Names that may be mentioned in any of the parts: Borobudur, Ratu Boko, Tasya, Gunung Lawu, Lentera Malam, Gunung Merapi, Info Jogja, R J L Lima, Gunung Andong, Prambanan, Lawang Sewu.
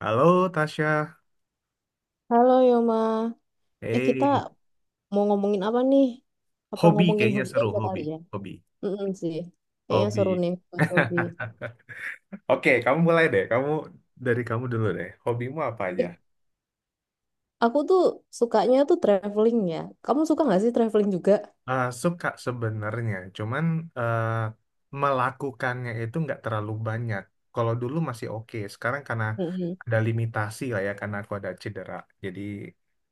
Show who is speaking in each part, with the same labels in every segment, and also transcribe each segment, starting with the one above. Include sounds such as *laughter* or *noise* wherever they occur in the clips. Speaker 1: Halo Tasya,
Speaker 2: Halo Yoma, kita
Speaker 1: eh
Speaker 2: mau ngomongin apa nih? Apa
Speaker 1: hobi
Speaker 2: ngomongin
Speaker 1: kayaknya
Speaker 2: hobi
Speaker 1: seru
Speaker 2: aja kali
Speaker 1: hobi,
Speaker 2: ya?
Speaker 1: hobi,
Speaker 2: Mm sih, kayaknya seru
Speaker 1: hobi.
Speaker 2: nih bahas
Speaker 1: *laughs*
Speaker 2: hobi.
Speaker 1: Oke, kamu mulai deh. Dari kamu dulu deh. Hobimu apa aja?
Speaker 2: Eh, aku tuh sukanya tuh traveling ya. Kamu suka nggak sih traveling juga?
Speaker 1: Suka sebenarnya, cuman eh, melakukannya itu nggak terlalu banyak. Kalau dulu masih oke, sekarang karena
Speaker 2: Mm-mm.
Speaker 1: ada limitasi lah ya, karena aku ada cedera. Jadi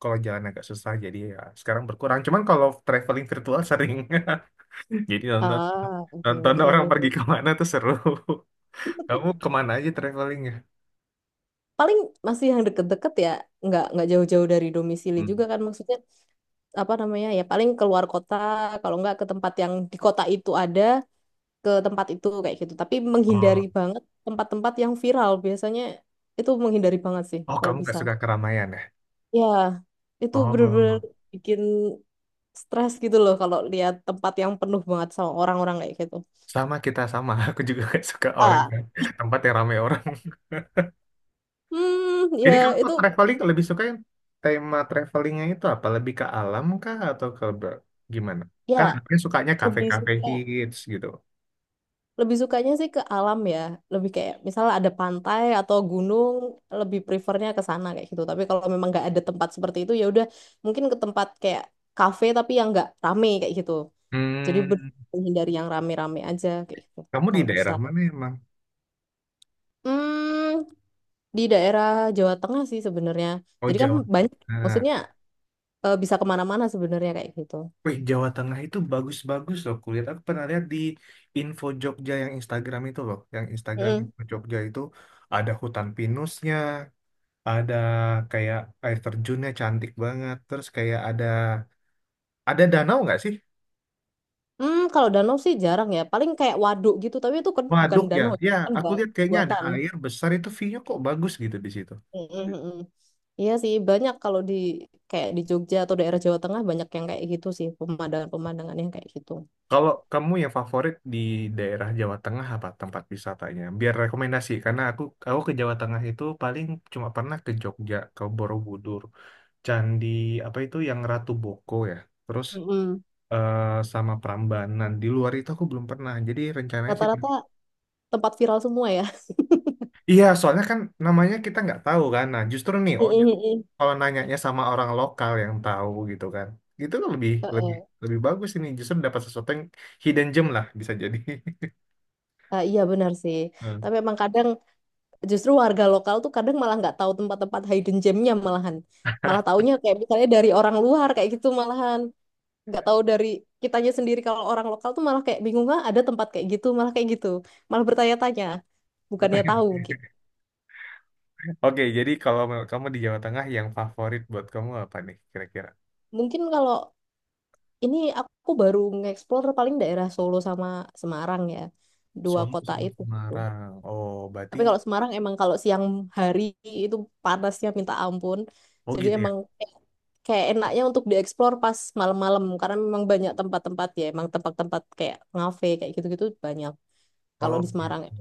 Speaker 1: kalau jalan agak susah, jadi ya sekarang berkurang. Cuman kalau traveling virtual sering, *laughs* jadi nonton
Speaker 2: Ah, oke
Speaker 1: nonton orang pergi
Speaker 2: oke.
Speaker 1: kemana tuh seru. Kamu kemana aja travelingnya?
Speaker 2: Paling masih yang deket-deket ya, nggak jauh-jauh dari domisili
Speaker 1: Hmm.
Speaker 2: juga kan maksudnya apa namanya ya paling keluar kota, kalau nggak ke tempat yang di kota itu ada. Ke tempat itu kayak gitu. Tapi menghindari
Speaker 1: Oh,
Speaker 2: banget tempat-tempat yang viral. Biasanya itu menghindari banget sih
Speaker 1: oh,
Speaker 2: kalau
Speaker 1: kamu gak
Speaker 2: bisa.
Speaker 1: suka keramaian ya?
Speaker 2: Ya, itu bener-bener
Speaker 1: Oh,
Speaker 2: bikin stres gitu loh kalau lihat tempat yang penuh banget sama orang-orang kayak gitu.
Speaker 1: sama kita sama. *laughs* Aku juga gak suka orang
Speaker 2: Ah,
Speaker 1: yang tempat yang ramai orang.
Speaker 2: hmm,
Speaker 1: *laughs* Jadi
Speaker 2: ya
Speaker 1: kamu tuh
Speaker 2: itu
Speaker 1: traveling lebih suka yang tema travelingnya itu apa? Lebih ke alam kah atau ke gimana?
Speaker 2: ya
Speaker 1: Kan aku sukanya
Speaker 2: lebih
Speaker 1: kafe-kafe
Speaker 2: suka
Speaker 1: hits gitu.
Speaker 2: lebih sukanya sih ke alam ya. Lebih kayak misalnya ada pantai atau gunung, lebih prefernya ke sana kayak gitu. Tapi kalau memang nggak ada tempat seperti itu ya udah mungkin ke tempat kayak kafe tapi yang nggak rame kayak gitu. Jadi ber-
Speaker 1: Hmm,
Speaker 2: Menghindari yang rame-rame aja kayak gitu.
Speaker 1: kamu di
Speaker 2: Kalau bisa.
Speaker 1: daerah mana emang?
Speaker 2: Hmm, di daerah Jawa Tengah sih sebenarnya.
Speaker 1: Oh
Speaker 2: Jadi kan
Speaker 1: Jawa.
Speaker 2: banyak,
Speaker 1: Nah,
Speaker 2: maksudnya bisa kemana-mana sebenarnya kayak gitu.
Speaker 1: wih, Jawa Tengah itu bagus-bagus loh kulihat. Aku pernah lihat di Info Jogja yang Instagram itu loh. Yang Instagram
Speaker 2: Mm.
Speaker 1: Info Jogja itu ada hutan pinusnya, ada kayak air terjunnya cantik banget. Terus kayak ada danau nggak sih?
Speaker 2: Hmm, kalau danau sih jarang ya. Paling kayak waduk gitu, tapi itu kan bukan
Speaker 1: Waduk ya.
Speaker 2: danau,
Speaker 1: Ya,
Speaker 2: itu kan
Speaker 1: aku
Speaker 2: buat
Speaker 1: lihat kayaknya ada
Speaker 2: buatan.
Speaker 1: air besar itu view-nya kok bagus gitu di situ.
Speaker 2: Mm, mm, mm, mm. Iya sih, banyak kalau di kayak di Jogja atau daerah Jawa Tengah banyak yang kayak gitu sih, pemandangan-pemandangan yang kayak gitu.
Speaker 1: Kalau kamu yang favorit di daerah Jawa Tengah apa tempat wisatanya? Biar rekomendasi karena aku ke Jawa Tengah itu paling cuma pernah ke Jogja, ke Borobudur. Candi apa itu yang Ratu Boko ya. Terus
Speaker 2: Mm, mm.
Speaker 1: eh, sama Prambanan. Di luar itu aku belum pernah. Jadi rencananya sih.
Speaker 2: Rata-rata tempat viral semua ya.
Speaker 1: Iya, soalnya kan namanya kita nggak tahu kan. Nah, justru nih,
Speaker 2: *laughs*
Speaker 1: oh,
Speaker 2: Mm, mm, mm.
Speaker 1: kalau nanyanya sama orang lokal yang tahu gitu kan, itu kan lebih lebih
Speaker 2: Heeh.
Speaker 1: lebih bagus ini. Justru dapat sesuatu yang hidden gem lah bisa jadi. *laughs*
Speaker 2: Ah iya benar sih.
Speaker 1: Hmm.
Speaker 2: Tapi emang kadang justru warga lokal tuh kadang malah nggak tahu tempat-tempat hidden gemnya malahan. Malah
Speaker 1: *laughs*
Speaker 2: taunya kayak misalnya dari orang luar kayak gitu malahan. Nggak tahu dari kitanya sendiri kalau orang lokal tuh malah kayak bingung ah ada tempat kayak gitu. Malah bertanya-tanya bukannya
Speaker 1: Bertanya.
Speaker 2: tahu. Gitu.
Speaker 1: Oke, jadi kalau kamu di Jawa Tengah yang favorit buat kamu apa nih kira-kira?
Speaker 2: Mungkin kalau ini aku baru nge-explore paling daerah Solo sama Semarang ya. Dua
Speaker 1: Solo
Speaker 2: kota
Speaker 1: sama
Speaker 2: itu. Gitu.
Speaker 1: Semarang. Oh, berarti
Speaker 2: Tapi kalau Semarang emang kalau siang hari itu panasnya minta ampun.
Speaker 1: oh
Speaker 2: Jadi
Speaker 1: gitu ya.
Speaker 2: emang kayak enaknya untuk dieksplor pas malam-malam karena memang banyak tempat-tempat ya emang tempat-tempat kayak ngafe kayak gitu-gitu banyak kalau
Speaker 1: Oh
Speaker 2: di Semarang ya
Speaker 1: gitu.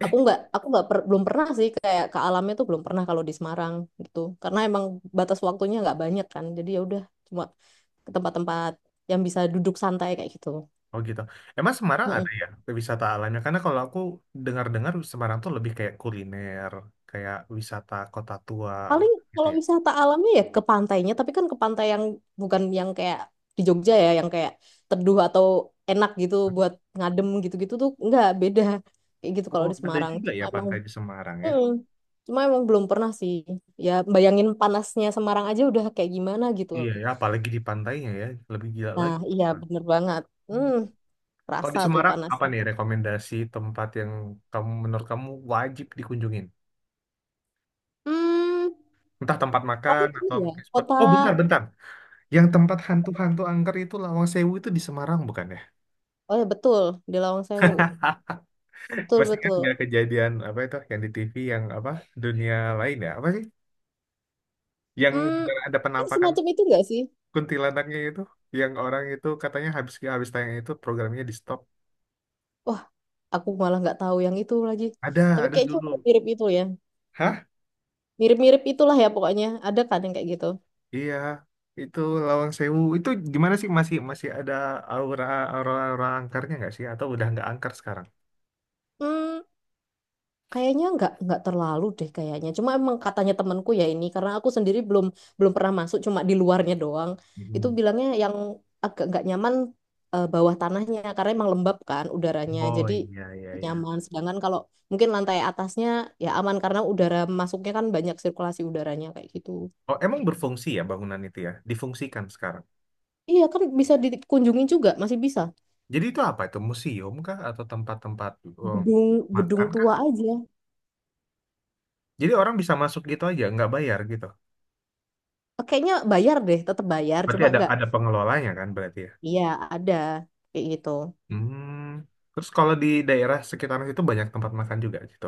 Speaker 1: Eh,
Speaker 2: aku nggak per- belum pernah sih kayak ke alamnya tuh belum pernah kalau di Semarang gitu karena emang batas waktunya nggak banyak kan jadi ya udah cuma ke tempat-tempat yang bisa duduk santai kayak gitu.
Speaker 1: oh gitu. Emang Semarang ada ya wisata alamnya? Karena kalau aku dengar-dengar Semarang tuh lebih kayak kuliner, kayak wisata kota tua
Speaker 2: Paling
Speaker 1: gitu
Speaker 2: kalau
Speaker 1: ya.
Speaker 2: wisata alamnya ya ke pantainya, tapi kan ke pantai yang bukan yang kayak di Jogja ya, yang kayak teduh atau enak gitu buat ngadem gitu-gitu tuh nggak beda kayak gitu kalau
Speaker 1: Oh,
Speaker 2: di
Speaker 1: ada
Speaker 2: Semarang.
Speaker 1: juga
Speaker 2: Cuma
Speaker 1: ya
Speaker 2: emang,
Speaker 1: pantai di Semarang ya?
Speaker 2: mm, cuma emang belum pernah sih. Ya bayangin panasnya Semarang aja udah kayak gimana gitu.
Speaker 1: Iya ya, apalagi di pantainya ya, lebih gila
Speaker 2: Nah,
Speaker 1: lagi.
Speaker 2: iya
Speaker 1: Pak.
Speaker 2: bener banget.
Speaker 1: Hmm.
Speaker 2: Hmm,
Speaker 1: Kalau
Speaker 2: rasa
Speaker 1: di
Speaker 2: tuh
Speaker 1: Semarang, apa
Speaker 2: panasnya.
Speaker 1: nih rekomendasi tempat yang kamu menurut kamu wajib dikunjungin?
Speaker 2: Hmm,
Speaker 1: Entah tempat
Speaker 2: tapi
Speaker 1: makan
Speaker 2: gini
Speaker 1: atau
Speaker 2: ya,
Speaker 1: mungkin spot.
Speaker 2: kota,
Speaker 1: Oh, bentar, bentar. Yang tempat hantu-hantu angker itu Lawang Sewu itu di Semarang bukan ya?
Speaker 2: oh ya betul, di Lawang Sewu.
Speaker 1: *laughs*
Speaker 2: Betul,
Speaker 1: Masih kan
Speaker 2: betul.
Speaker 1: nggak kejadian apa itu yang di TV yang apa dunia lain ya apa sih yang
Speaker 2: Hmm,
Speaker 1: benar ada
Speaker 2: ini
Speaker 1: penampakan
Speaker 2: semacam itu nggak sih?
Speaker 1: kuntilanaknya itu yang orang itu katanya habis habis tayang itu programnya di stop.
Speaker 2: Wah aku malah nggak tahu yang itu lagi.
Speaker 1: ada
Speaker 2: Tapi
Speaker 1: ada
Speaker 2: kayaknya
Speaker 1: dulu,
Speaker 2: udah mirip itu ya.
Speaker 1: hah,
Speaker 2: Mirip-mirip itulah ya pokoknya. Ada kan yang kayak gitu.
Speaker 1: iya. Itu Lawang Sewu itu gimana sih, masih masih ada aura, aura angkarnya nggak sih, atau udah nggak angker sekarang?
Speaker 2: Hmm, kayaknya nggak terlalu deh kayaknya. Cuma emang katanya temanku ya ini karena aku sendiri belum belum pernah masuk cuma di luarnya doang. Itu
Speaker 1: Hmm.
Speaker 2: bilangnya yang agak nggak nyaman bawah tanahnya karena emang lembab kan udaranya.
Speaker 1: Oh
Speaker 2: Jadi
Speaker 1: iya, iya,
Speaker 2: nggak
Speaker 1: iya.
Speaker 2: nyaman. Sedangkan kalau mungkin lantai atasnya ya aman karena udara masuknya kan banyak sirkulasi udaranya kayak gitu.
Speaker 1: Oh emang berfungsi ya bangunan itu ya, difungsikan sekarang.
Speaker 2: Iya kan bisa dikunjungi juga, masih bisa.
Speaker 1: Jadi itu apa, itu museum kah atau tempat-tempat um,
Speaker 2: Gedung gedung
Speaker 1: makan kah?
Speaker 2: tua aja.
Speaker 1: Jadi orang bisa masuk gitu aja, nggak bayar gitu.
Speaker 2: Kayaknya bayar deh, tetap bayar,
Speaker 1: Berarti
Speaker 2: cuma
Speaker 1: ada
Speaker 2: nggak.
Speaker 1: ada pengelolanya kan berarti ya.
Speaker 2: Iya, ada kayak gitu.
Speaker 1: Hmm. Terus kalau di daerah sekitaran situ banyak tempat makan juga gitu.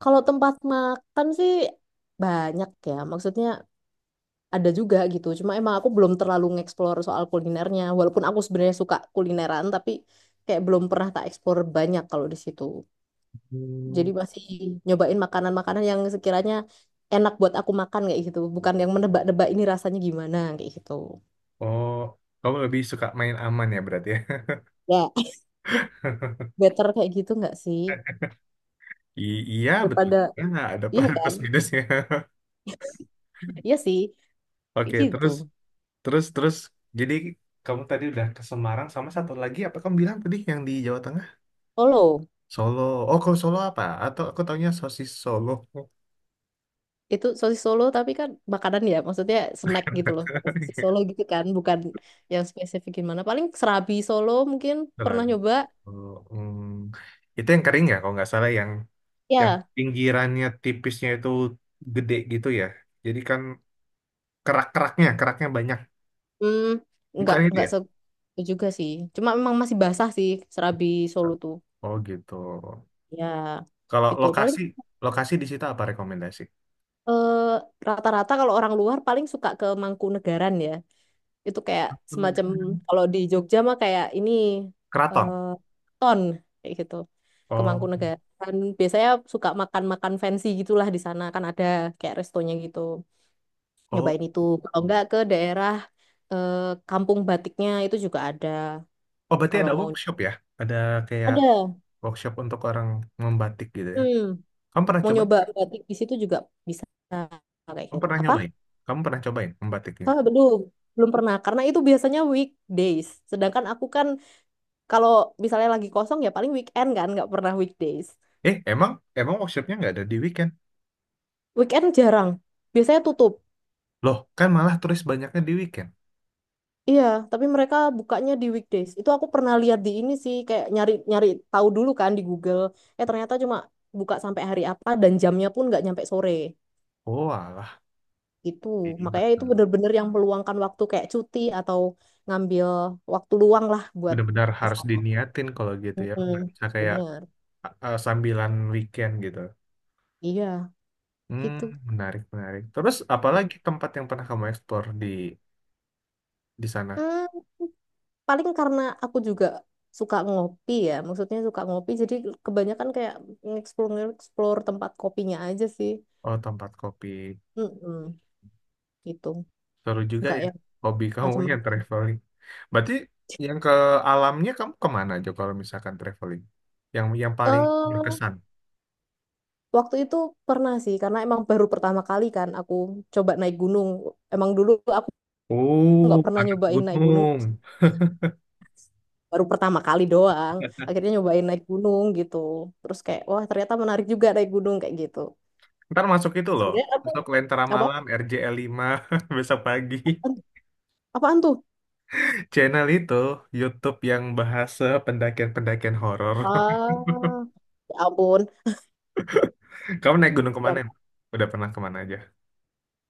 Speaker 2: Kalau tempat makan sih banyak ya, maksudnya ada juga gitu. Cuma emang aku belum terlalu ngeksplor soal kulinernya, walaupun aku sebenarnya suka kulineran, tapi kayak belum pernah tak eksplor banyak kalau di situ. Jadi
Speaker 1: Hmm.
Speaker 2: masih nyobain makanan-makanan yang sekiranya enak buat aku makan kayak gitu, bukan yang menebak-nebak ini rasanya gimana kayak gitu.
Speaker 1: Oh, kamu lebih suka main aman ya berarti ya.
Speaker 2: Ya, *laughs* better kayak gitu nggak sih?
Speaker 1: *laughs* Iya betul.
Speaker 2: Daripada.
Speaker 1: Ya, nggak ada *laughs*
Speaker 2: Iya
Speaker 1: ada
Speaker 2: kan?
Speaker 1: plus minusnya. *laughs*
Speaker 2: Iya sih,
Speaker 1: Oke,
Speaker 2: gitu.
Speaker 1: terus terus terus. Jadi kamu tadi udah ke Semarang sama satu lagi apa kamu bilang tadi yang di Jawa Tengah?
Speaker 2: Solo.
Speaker 1: Solo. Oh, kalau Solo apa? Atau aku taunya sosis Solo.
Speaker 2: Itu sosis Solo tapi kan makanan ya, maksudnya snack gitu loh. Sosis Solo
Speaker 1: *laughs*
Speaker 2: gitu kan, bukan yang spesifik gimana. Paling serabi Solo mungkin pernah
Speaker 1: Serabi
Speaker 2: nyoba.
Speaker 1: soto. Hmm. Itu yang kering ya, kalau nggak salah yang
Speaker 2: Ya,
Speaker 1: pinggirannya tipisnya itu gede gitu ya. Jadi kan kerak-keraknya, keraknya banyak.
Speaker 2: hmm, nggak
Speaker 1: Bukan itu
Speaker 2: nggak
Speaker 1: ya?
Speaker 2: se itu juga sih. Cuma memang masih basah sih serabi Solo tuh.
Speaker 1: Oh gitu.
Speaker 2: Ya,
Speaker 1: Kalau
Speaker 2: gitu. Paling
Speaker 1: lokasi, lokasi di situ apa rekomendasi?
Speaker 2: eh, rata-rata kalau orang luar paling suka ke Mangkunegaran ya. Itu kayak
Speaker 1: Penegak.
Speaker 2: semacam kalau di Jogja mah kayak ini eh,
Speaker 1: Keraton.
Speaker 2: ton kayak gitu. Ke
Speaker 1: Oh,
Speaker 2: Mangkunegaran biasanya suka makan-makan fancy gitulah di sana kan ada kayak restonya gitu.
Speaker 1: oh,
Speaker 2: Nyobain itu. Kalau
Speaker 1: oh.
Speaker 2: enggak ke daerah eh, Kampung Batiknya itu juga ada
Speaker 1: Oh, berarti
Speaker 2: kalau
Speaker 1: ada
Speaker 2: mau
Speaker 1: workshop ya? Ada kayak
Speaker 2: ada.
Speaker 1: workshop untuk orang membatik gitu ya?
Speaker 2: Hmm,
Speaker 1: Kamu pernah
Speaker 2: mau
Speaker 1: coba?
Speaker 2: nyoba batik di situ juga bisa kayak
Speaker 1: Kamu
Speaker 2: gitu.
Speaker 1: pernah
Speaker 2: Apa?
Speaker 1: nyobain? Kamu pernah cobain membatiknya?
Speaker 2: Ah, belum. Belum pernah karena itu biasanya weekdays. Sedangkan aku kan kalau misalnya lagi kosong ya paling weekend kan, nggak pernah weekdays.
Speaker 1: Eh, emang, emang workshopnya nggak ada di weekend?
Speaker 2: Weekend jarang, biasanya tutup.
Speaker 1: Loh, kan malah turis banyaknya di weekend.
Speaker 2: Iya, tapi mereka bukanya di weekdays. Itu aku pernah lihat di ini sih, kayak nyari-nyari tahu dulu kan di Google. Eh ternyata cuma buka sampai hari apa dan jamnya pun nggak nyampe sore.
Speaker 1: Oh, alah,
Speaker 2: Itu,
Speaker 1: jadi
Speaker 2: makanya itu bener-bener yang meluangkan waktu kayak cuti atau ngambil waktu luang lah buat
Speaker 1: benar-benar harus
Speaker 2: kesana. Sana.
Speaker 1: diniatin kalau gitu ya.
Speaker 2: Mm-mm,
Speaker 1: Nggak bisa kayak
Speaker 2: bener,
Speaker 1: sambilan weekend gitu.
Speaker 2: iya
Speaker 1: Hmm,
Speaker 2: gitu.
Speaker 1: menarik, menarik. Terus apalagi tempat yang pernah kamu eksplor di sana?
Speaker 2: Mm. Paling karena aku juga suka ngopi ya maksudnya suka ngopi jadi kebanyakan kayak explore explore tempat kopinya aja sih.
Speaker 1: Oh, tempat kopi.
Speaker 2: Mm-mm, gitu
Speaker 1: Seru juga
Speaker 2: nggak
Speaker 1: ya.
Speaker 2: yang
Speaker 1: Hobi kamu *laughs* yang
Speaker 2: macam-macam.
Speaker 1: traveling. Berarti yang ke alamnya kamu kemana aja kalau misalkan traveling? Yang paling
Speaker 2: eh
Speaker 1: berkesan?
Speaker 2: Waktu itu pernah sih karena emang baru pertama kali kan aku coba naik gunung emang dulu aku nggak
Speaker 1: Oh,
Speaker 2: pernah
Speaker 1: anak
Speaker 2: nyobain naik gunung.
Speaker 1: gunung.
Speaker 2: *laughs* Baru pertama kali doang akhirnya nyobain naik gunung gitu terus kayak wah ternyata menarik juga naik gunung kayak gitu
Speaker 1: Ntar masuk itu loh,
Speaker 2: sebenarnya aku
Speaker 1: masuk Lentera
Speaker 2: apa
Speaker 1: Malam, RJL5, *laughs* besok pagi.
Speaker 2: apaan tuh.
Speaker 1: Channel itu, YouTube yang bahasa pendakian-pendakian horor.
Speaker 2: Ah, ya ampun.
Speaker 1: *laughs* Kamu naik gunung kemana?
Speaker 2: Ya,
Speaker 1: Em? Udah pernah kemana aja?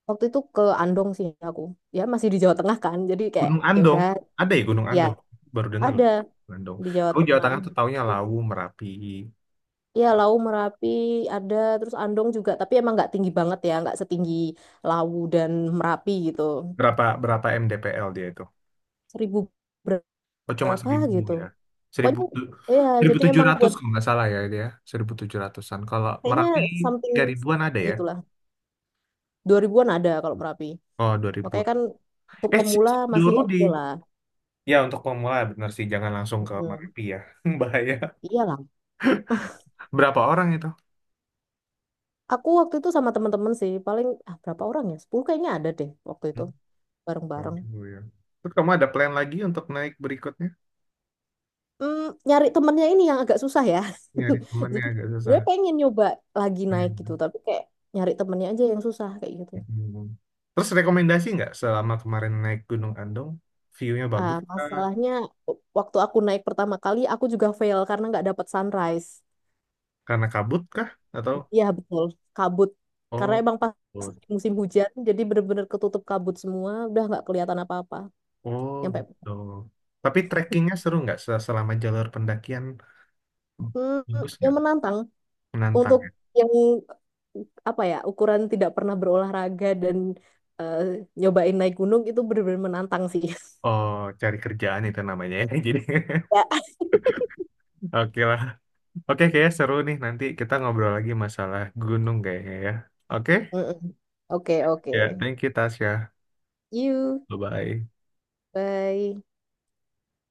Speaker 2: waktu itu ke Andong sih aku. Ya masih di Jawa Tengah kan. Jadi kayak
Speaker 1: Gunung
Speaker 2: ya
Speaker 1: Andong.
Speaker 2: udah
Speaker 1: Ada ya Gunung
Speaker 2: ya
Speaker 1: Andong? Baru dengar
Speaker 2: ada
Speaker 1: loh. Gunung Andong.
Speaker 2: di Jawa
Speaker 1: Aku Jawa
Speaker 2: Tengah.
Speaker 1: Tengah tuh taunya Lawu, Merapi.
Speaker 2: Ya Lau Merapi ada terus Andong juga tapi emang nggak tinggi banget ya, nggak setinggi Lawu dan Merapi gitu.
Speaker 1: Berapa berapa MDPL dia itu?
Speaker 2: 1.000
Speaker 1: Oh cuma
Speaker 2: berapa
Speaker 1: 1.000
Speaker 2: gitu.
Speaker 1: ya. Seribu
Speaker 2: Pokoknya
Speaker 1: tu-
Speaker 2: ya
Speaker 1: seribu
Speaker 2: jadi
Speaker 1: tujuh
Speaker 2: emang
Speaker 1: ratus
Speaker 2: buat
Speaker 1: kalau nggak salah ya dia. 1.700-an. Kalau
Speaker 2: kayaknya
Speaker 1: Merapi
Speaker 2: something
Speaker 1: 3.000-an ada ya?
Speaker 2: gitulah. 2.000-an ada kalau Merapi.
Speaker 1: Oh 2.000-an.
Speaker 2: Makanya kan untuk
Speaker 1: Eh
Speaker 2: pemula
Speaker 1: si
Speaker 2: masih
Speaker 1: Doro di.
Speaker 2: oke lah.
Speaker 1: Ya, untuk pemula benar sih jangan langsung ke
Speaker 2: Mm,
Speaker 1: Merapi ya. *laughs* Bahaya.
Speaker 2: iya lah.
Speaker 1: Berapa orang itu?
Speaker 2: Aku waktu itu sama teman-teman sih, paling ah, berapa orang ya? 10 kayaknya ada deh waktu itu
Speaker 1: Hmm, baru
Speaker 2: bareng-bareng.
Speaker 1: dulu ya. Terus kamu ada plan lagi untuk naik berikutnya?
Speaker 2: Hmm, nyari temennya ini yang agak susah ya.
Speaker 1: Nyari
Speaker 2: *laughs*
Speaker 1: temennya
Speaker 2: Jadi
Speaker 1: agak
Speaker 2: gue
Speaker 1: susah.
Speaker 2: pengen nyoba lagi naik gitu,
Speaker 1: Iya.
Speaker 2: tapi kayak nyari temennya aja yang susah kayak gitu.
Speaker 1: Hmm. Terus rekomendasi nggak selama kemarin naik Gunung Andong? View-nya
Speaker 2: Ah,
Speaker 1: bagus kah?
Speaker 2: masalahnya waktu aku naik pertama kali aku juga fail karena nggak dapat sunrise.
Speaker 1: Karena kabut kah? Atau
Speaker 2: Iya betul, kabut. Karena
Speaker 1: oh,
Speaker 2: emang pas
Speaker 1: kabut.
Speaker 2: musim hujan, jadi bener-bener ketutup kabut semua, udah nggak kelihatan apa-apa.
Speaker 1: Oh
Speaker 2: Yang kayak,
Speaker 1: gitu. Tapi trekkingnya seru nggak selama jalur pendakian?
Speaker 2: hmm,
Speaker 1: Bagus
Speaker 2: yang
Speaker 1: nggak?
Speaker 2: menantang
Speaker 1: Menantang
Speaker 2: untuk
Speaker 1: ya?
Speaker 2: yang apa ya ukuran tidak pernah berolahraga dan eh, nyobain naik gunung itu benar-benar menantang sih. *laughs*
Speaker 1: Oh, cari kerjaan itu namanya ya. *laughs* Jadi
Speaker 2: Ya.
Speaker 1: *laughs* oke lah. Oke, kayaknya seru nih. Nanti kita ngobrol lagi masalah gunung kayaknya ya. Oke,
Speaker 2: Mm-mm. Oke, oke.
Speaker 1: ya. Thank you, Tasya.
Speaker 2: You,
Speaker 1: Bye-bye.
Speaker 2: bye.